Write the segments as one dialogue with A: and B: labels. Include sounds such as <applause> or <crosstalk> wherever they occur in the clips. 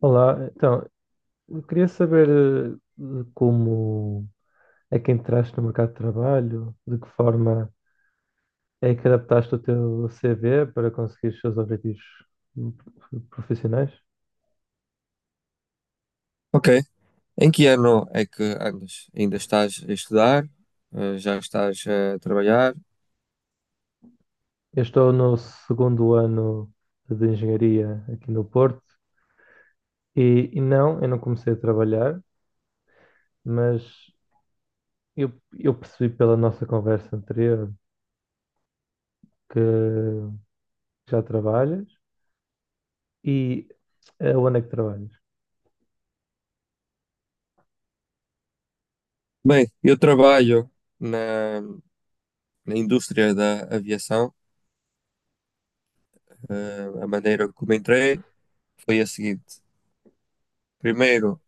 A: Olá, então, eu queria saber de como é que entraste no mercado de trabalho, de que forma é que adaptaste o teu CV para conseguir os seus objetivos hum, profissionais.
B: Ok. Em que ano é que andas? Ainda estás a estudar? Já estás a trabalhar?
A: Eu estou no segundo ano de engenharia aqui no Porto e não, eu não comecei a trabalhar, mas eu, eu percebi pela nossa conversa anterior que já trabalhas e onde é que trabalhas?
B: Bem, eu trabalho na, na indústria da aviação. A maneira como entrei foi a seguinte: primeiro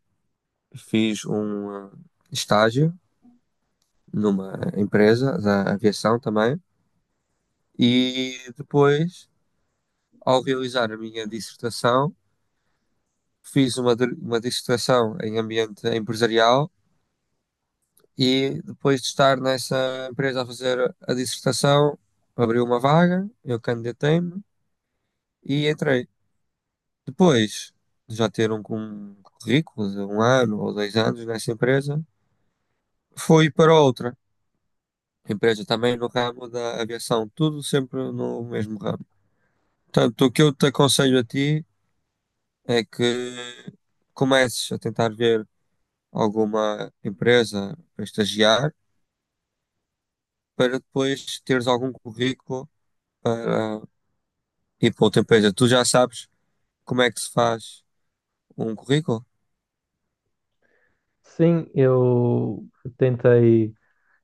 B: fiz um estágio numa empresa da aviação também, e depois, ao realizar a minha dissertação, fiz uma dissertação em ambiente empresarial. E depois de estar nessa empresa a fazer a dissertação, abriu uma vaga, eu candidatei-me e entrei. Depois de já ter um currículo de um ano ou dois anos nessa empresa, fui para outra empresa também no ramo da aviação, tudo sempre no mesmo ramo. Portanto, o que eu te aconselho a ti é que comeces a tentar ver alguma empresa para estagiar, para depois teres algum currículo para. E para o tempo extra, tu já sabes como é que se faz um currículo?
A: Sim, eu tentei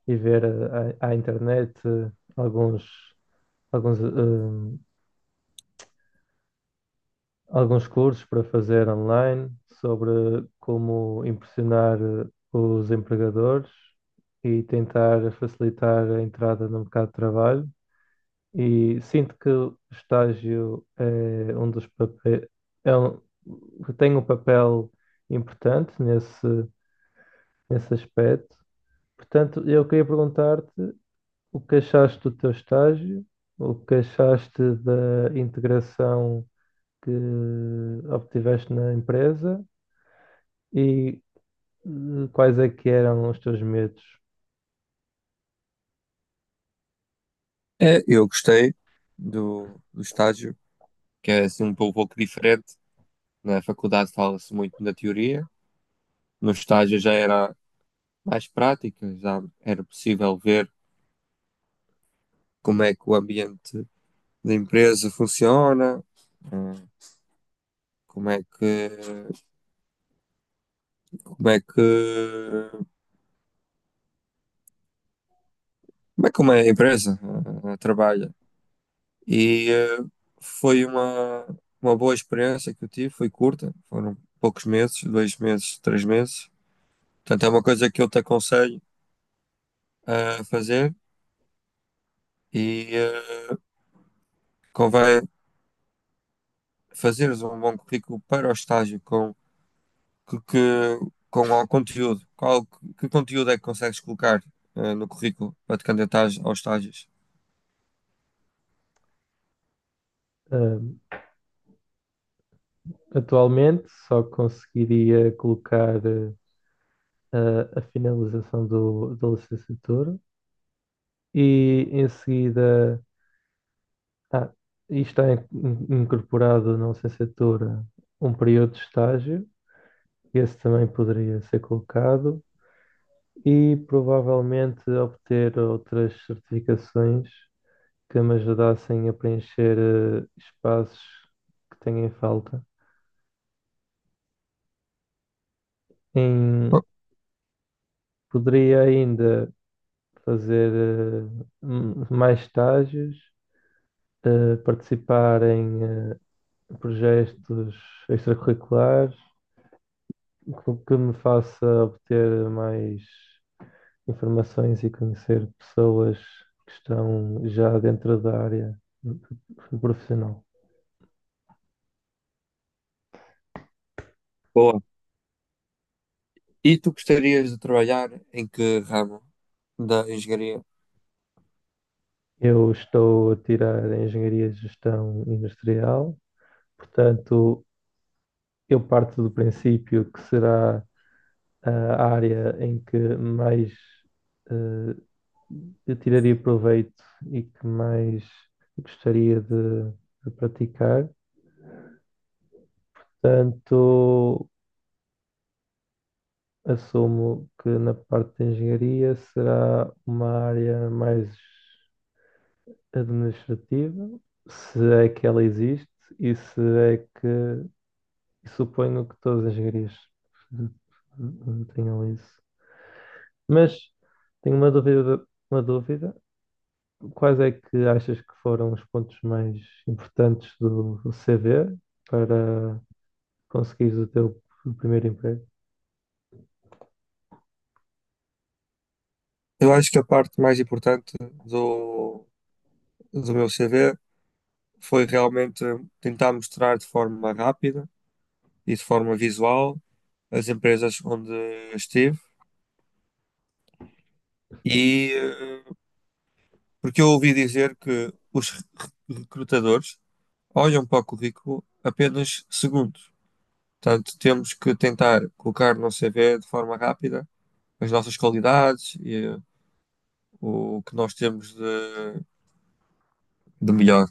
A: ir ver à internet alguns, alguns, eh, alguns cursos para fazer online sobre como impressionar os empregadores e tentar facilitar a entrada no mercado de trabalho. E sinto que o estágio é um dos papéis, é um, tem um papel importante nesse aspecto. Portanto, eu queria perguntar-te: o que achaste do teu estágio? O que achaste da integração que obtiveste na empresa? E quais é que eram os teus medos?
B: É, eu gostei do estágio, que é assim um pouco, pouco diferente. Na faculdade fala-se muito da teoria, no estágio já era mais prática, já era possível ver como é que o ambiente da empresa funciona, eh, como é que, como é que, como é que uma empresa trabalha. E foi uma boa experiência que eu tive, foi curta, foram poucos meses, dois meses, três meses. Portanto, é uma coisa que eu te aconselho a fazer e convém fazeres um bom currículo para o estágio com que com o conteúdo. Qual que conteúdo é que consegues colocar no currículo para te candidatares aos estágios?
A: Ah, atualmente só conseguiria colocar a finalização da licenciatura e, em seguida, ah, está incorporado na licenciatura um período de estágio, esse também poderia ser colocado, e provavelmente obter outras certificações que me ajudassem a preencher espaços que tenho em falta. Em-
B: Bo-
A: Poderia ainda fazer mais estágios, participar em projetos extracurriculares que me faça obter mais informações e conhecer pessoas que estão já dentro da área profissional.
B: Boa. E tu gostarias de trabalhar em que ramo da engenharia?
A: Eu estou a tirar a Engenharia de Gestão Industrial, portanto, eu parto do princípio que será a área em que mais eh, eu tiraria proveito e que mais gostaria de praticar. Portanto, assumo que na parte de engenharia será uma área mais administrativa, se é que ela existe e se é que... E suponho que todas as galerias tenham isso. Mas tenho uma dúvida, uma dúvida. Quais é que achas que foram os pontos mais importantes do CV para conseguires o teu primeiro emprego?
B: Eu acho que a parte mais importante do, do meu CV foi realmente tentar mostrar de forma rápida e de forma visual as empresas onde estive. E porque eu ouvi dizer que os recrutadores olham para o currículo apenas segundos. Portanto, temos que tentar colocar no CV de forma rápida as nossas qualidades e o que nós temos de melhor.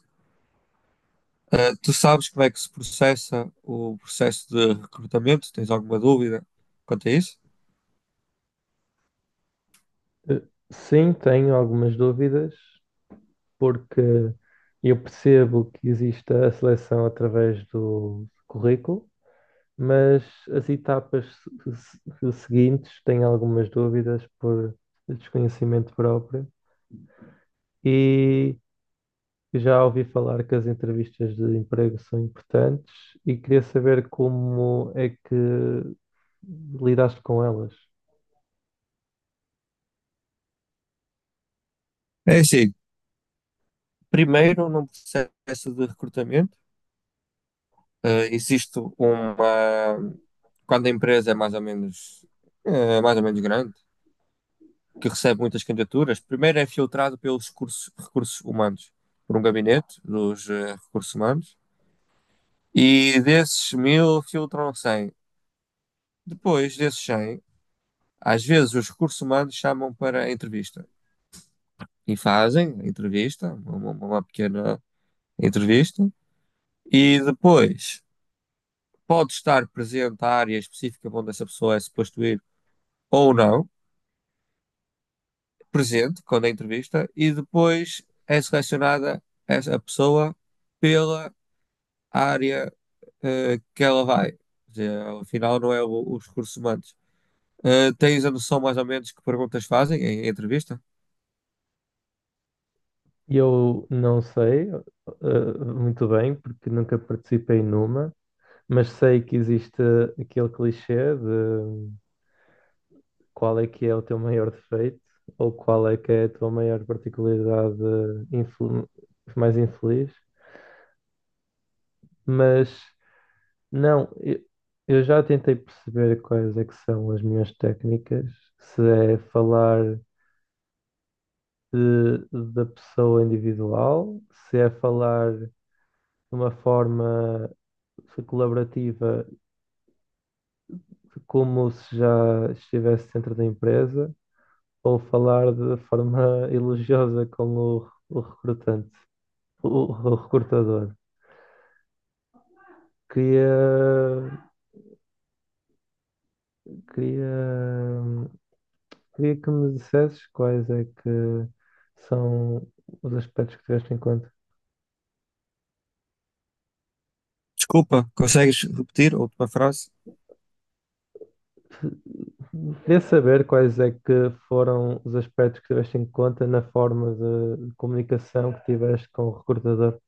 B: Tu sabes como é que se processa o processo de recrutamento? Tens alguma dúvida quanto a isso?
A: Eh, Sim, tenho algumas dúvidas, porque eu percebo que existe a seleção através do currículo, mas as etapas seguintes têm algumas dúvidas por desconhecimento próprio, e já ouvi falar que as entrevistas de emprego são importantes e queria saber como é que lidaste com elas.
B: É assim, primeiro num processo de recrutamento, existe uma. Quando a empresa é mais ou menos, é mais ou menos grande, que recebe muitas candidaturas, primeiro é filtrado pelos recursos humanos, por um gabinete dos recursos humanos, e desses mil filtram 100. Depois desses 100, às vezes os recursos humanos chamam para a entrevista. E fazem a entrevista, uma pequena entrevista, e depois pode estar presente a área específica onde essa pessoa é suposto ir ou não, presente quando é entrevista, e depois é selecionada essa pessoa pela área que ela vai. Quer dizer, afinal, não é os recursos humanos. Tens a noção mais ou menos que perguntas fazem em em entrevista?
A: Eu não sei, muito bem, porque nunca participei numa, mas sei que existe aquele clichê de qual é que é o teu maior defeito ou qual é que é a tua maior particularidade infel- mais infeliz, mas não, eu já tentei perceber quais é que são as minhas técnicas, se é falar da pessoa individual, se é falar de uma forma colaborativa como se já estivesse dentro da empresa, ou falar de forma <laughs> elogiosa com o recrutante, o recrutador. Queria, queria, Queria que me dissesses quais é que são os aspectos que tiveste em conta.
B: Desculpa, consegues repetir a última frase?
A: Queria saber quais é que foram os aspectos que tiveste em conta na forma de comunicação que tiveste com o recrutador.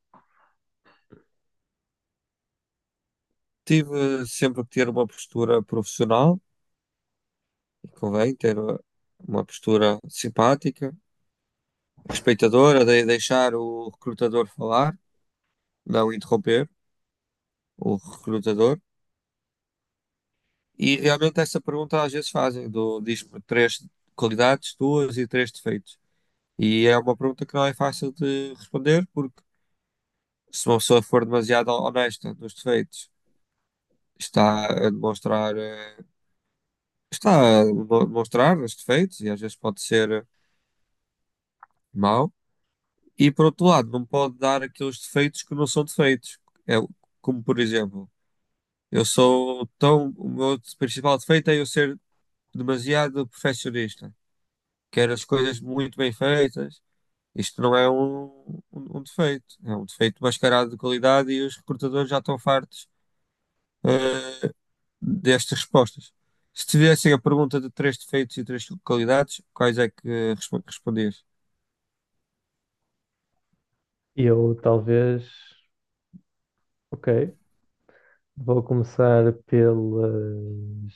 B: Tive sempre que ter uma postura profissional. Convém ter uma postura simpática, respeitadora, de deixar o recrutador falar, não interromper o recrutador. E realmente essa pergunta às vezes fazem, do diz-me três qualidades tuas e três defeitos. E é uma pergunta que não é fácil de responder, porque se uma pessoa for demasiado honesta nos defeitos, está a demonstrar, está a demonstrar os defeitos e às vezes pode ser mau. E por outro lado, não pode dar aqueles defeitos que não são defeitos. É, como por exemplo, eu sou tão. O meu principal defeito é eu ser demasiado perfeccionista. Quero as coisas muito bem feitas. Isto não é um defeito. É um defeito mascarado de qualidade e os recrutadores já estão fartos, eh, destas respostas. Se tivessem a pergunta de três defeitos e três qualidades, quais é que respondias?
A: E eu talvez, ok, vou começar pelas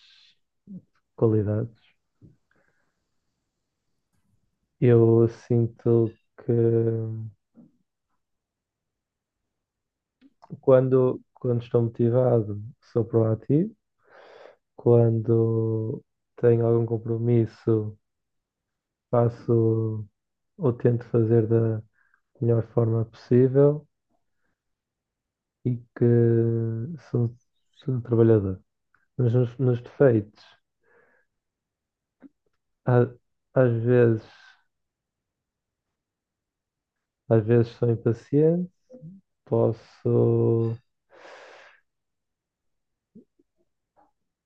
A: qualidades. Eu sinto que quando estou motivado, sou proativo. Quando tenho algum compromisso, faço ou tento fazer da melhor forma possível e que sou, sou um trabalhador. Mas nos defeitos, a- às vezes, às vezes sou impaciente, posso.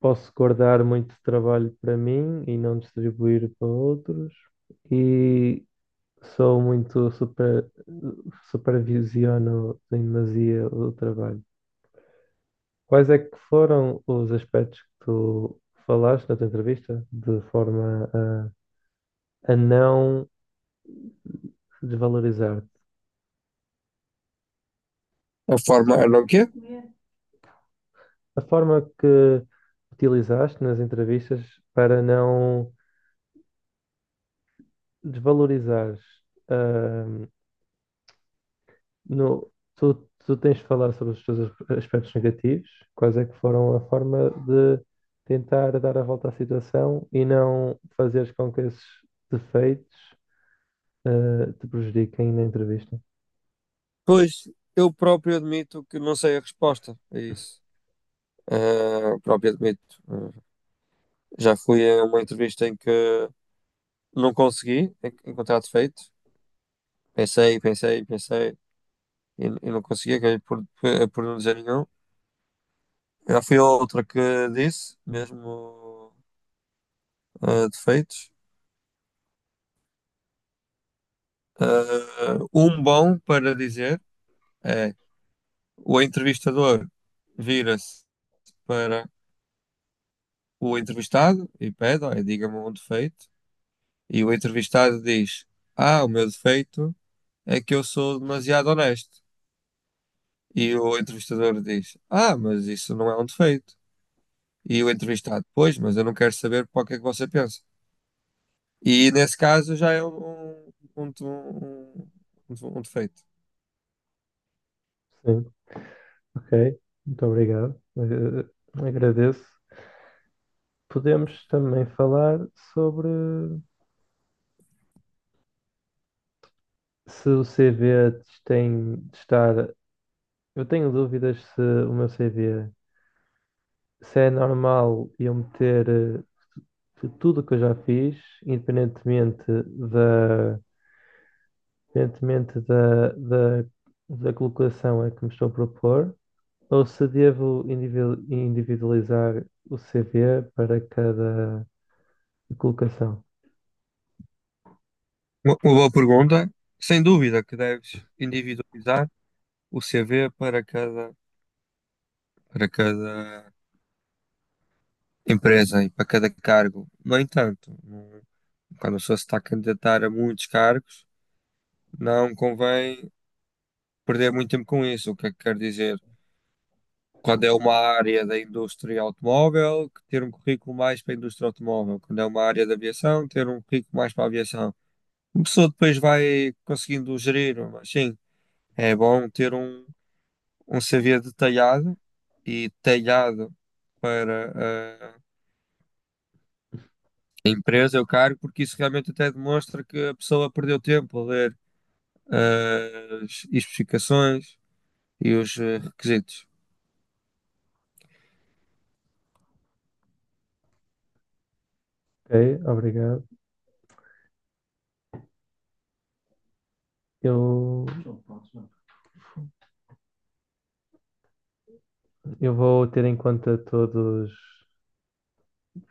A: posso guardar muito trabalho para mim e não distribuir para outros. E sou muito super, supervisiono em demasia o trabalho. Quais é que foram os aspectos que tu falaste na tua entrevista de forma a não desvalorizar-te?
B: A forma, a não quê?
A: A forma que utilizaste nas entrevistas para não desvalorizares ah... No, tu tens de falar sobre os teus aspectos negativos, quais é que foram a forma de tentar dar a volta à situação e não fazeres com que esses defeitos te prejudiquem na entrevista.
B: Pois, eu próprio admito que não sei a resposta a isso. Ah, próprio admito. Ah, já fui a uma entrevista em que não consegui encontrar defeito. Pensei, pensei, pensei e não consegui, acabei por não dizer nenhum. Já fui a outra que disse, mesmo ah, defeitos. Ah, um bom para dizer é o entrevistador vira-se para o entrevistado e pede, olha, diga-me um defeito. E o entrevistado diz: Ah, o meu defeito é que eu sou demasiado honesto. E o entrevistador diz: Ah, mas isso não é um defeito. E o entrevistado: Pois, mas eu não quero saber para o que é que você pensa. E nesse caso já é um, um, um defeito.
A: Sim, ok, muito obrigado. Agradeço. Podemos também falar sobre se o CV te tem de estar. Eu tenho dúvidas se o meu CV se é normal eu meter de tudo o que eu já fiz, independentemente independentemente da colocação a que me estou a propor, ou se devo individualizar o CV para cada colocação.
B: Uma boa pergunta. Sem dúvida que deves individualizar o CV para cada empresa e para cada cargo. No entanto, não- quando a pessoa se está a candidatar a muitos cargos, não convém perder muito tempo com isso. O que é que quer dizer? Quando é uma área da indústria automóvel, que ter um currículo mais para a indústria automóvel. Quando é uma área da aviação, ter um currículo mais para a aviação. A pessoa depois vai conseguindo gerir, mas sim, é bom ter um CV detalhado e detalhado para a empresa, o cargo, porque isso realmente até demonstra que a pessoa perdeu tempo a ler as especificações e os requisitos.
A: Ok, obrigado. Eu, eu vou ter em conta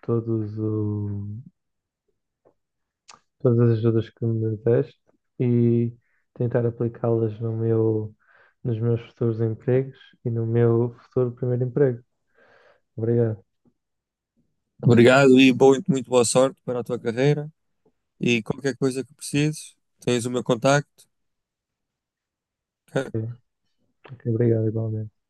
A: todos o, todas as ajudas que me deste e tentar aplicá-las no meu, nos meus futuros empregos e no meu futuro primeiro emprego. Obrigado.
B: Obrigado e boa, muito boa sorte para a tua carreira. E qualquer coisa que precises, tens o meu contacto. Ok?
A: Ok, obrigado, igualmente.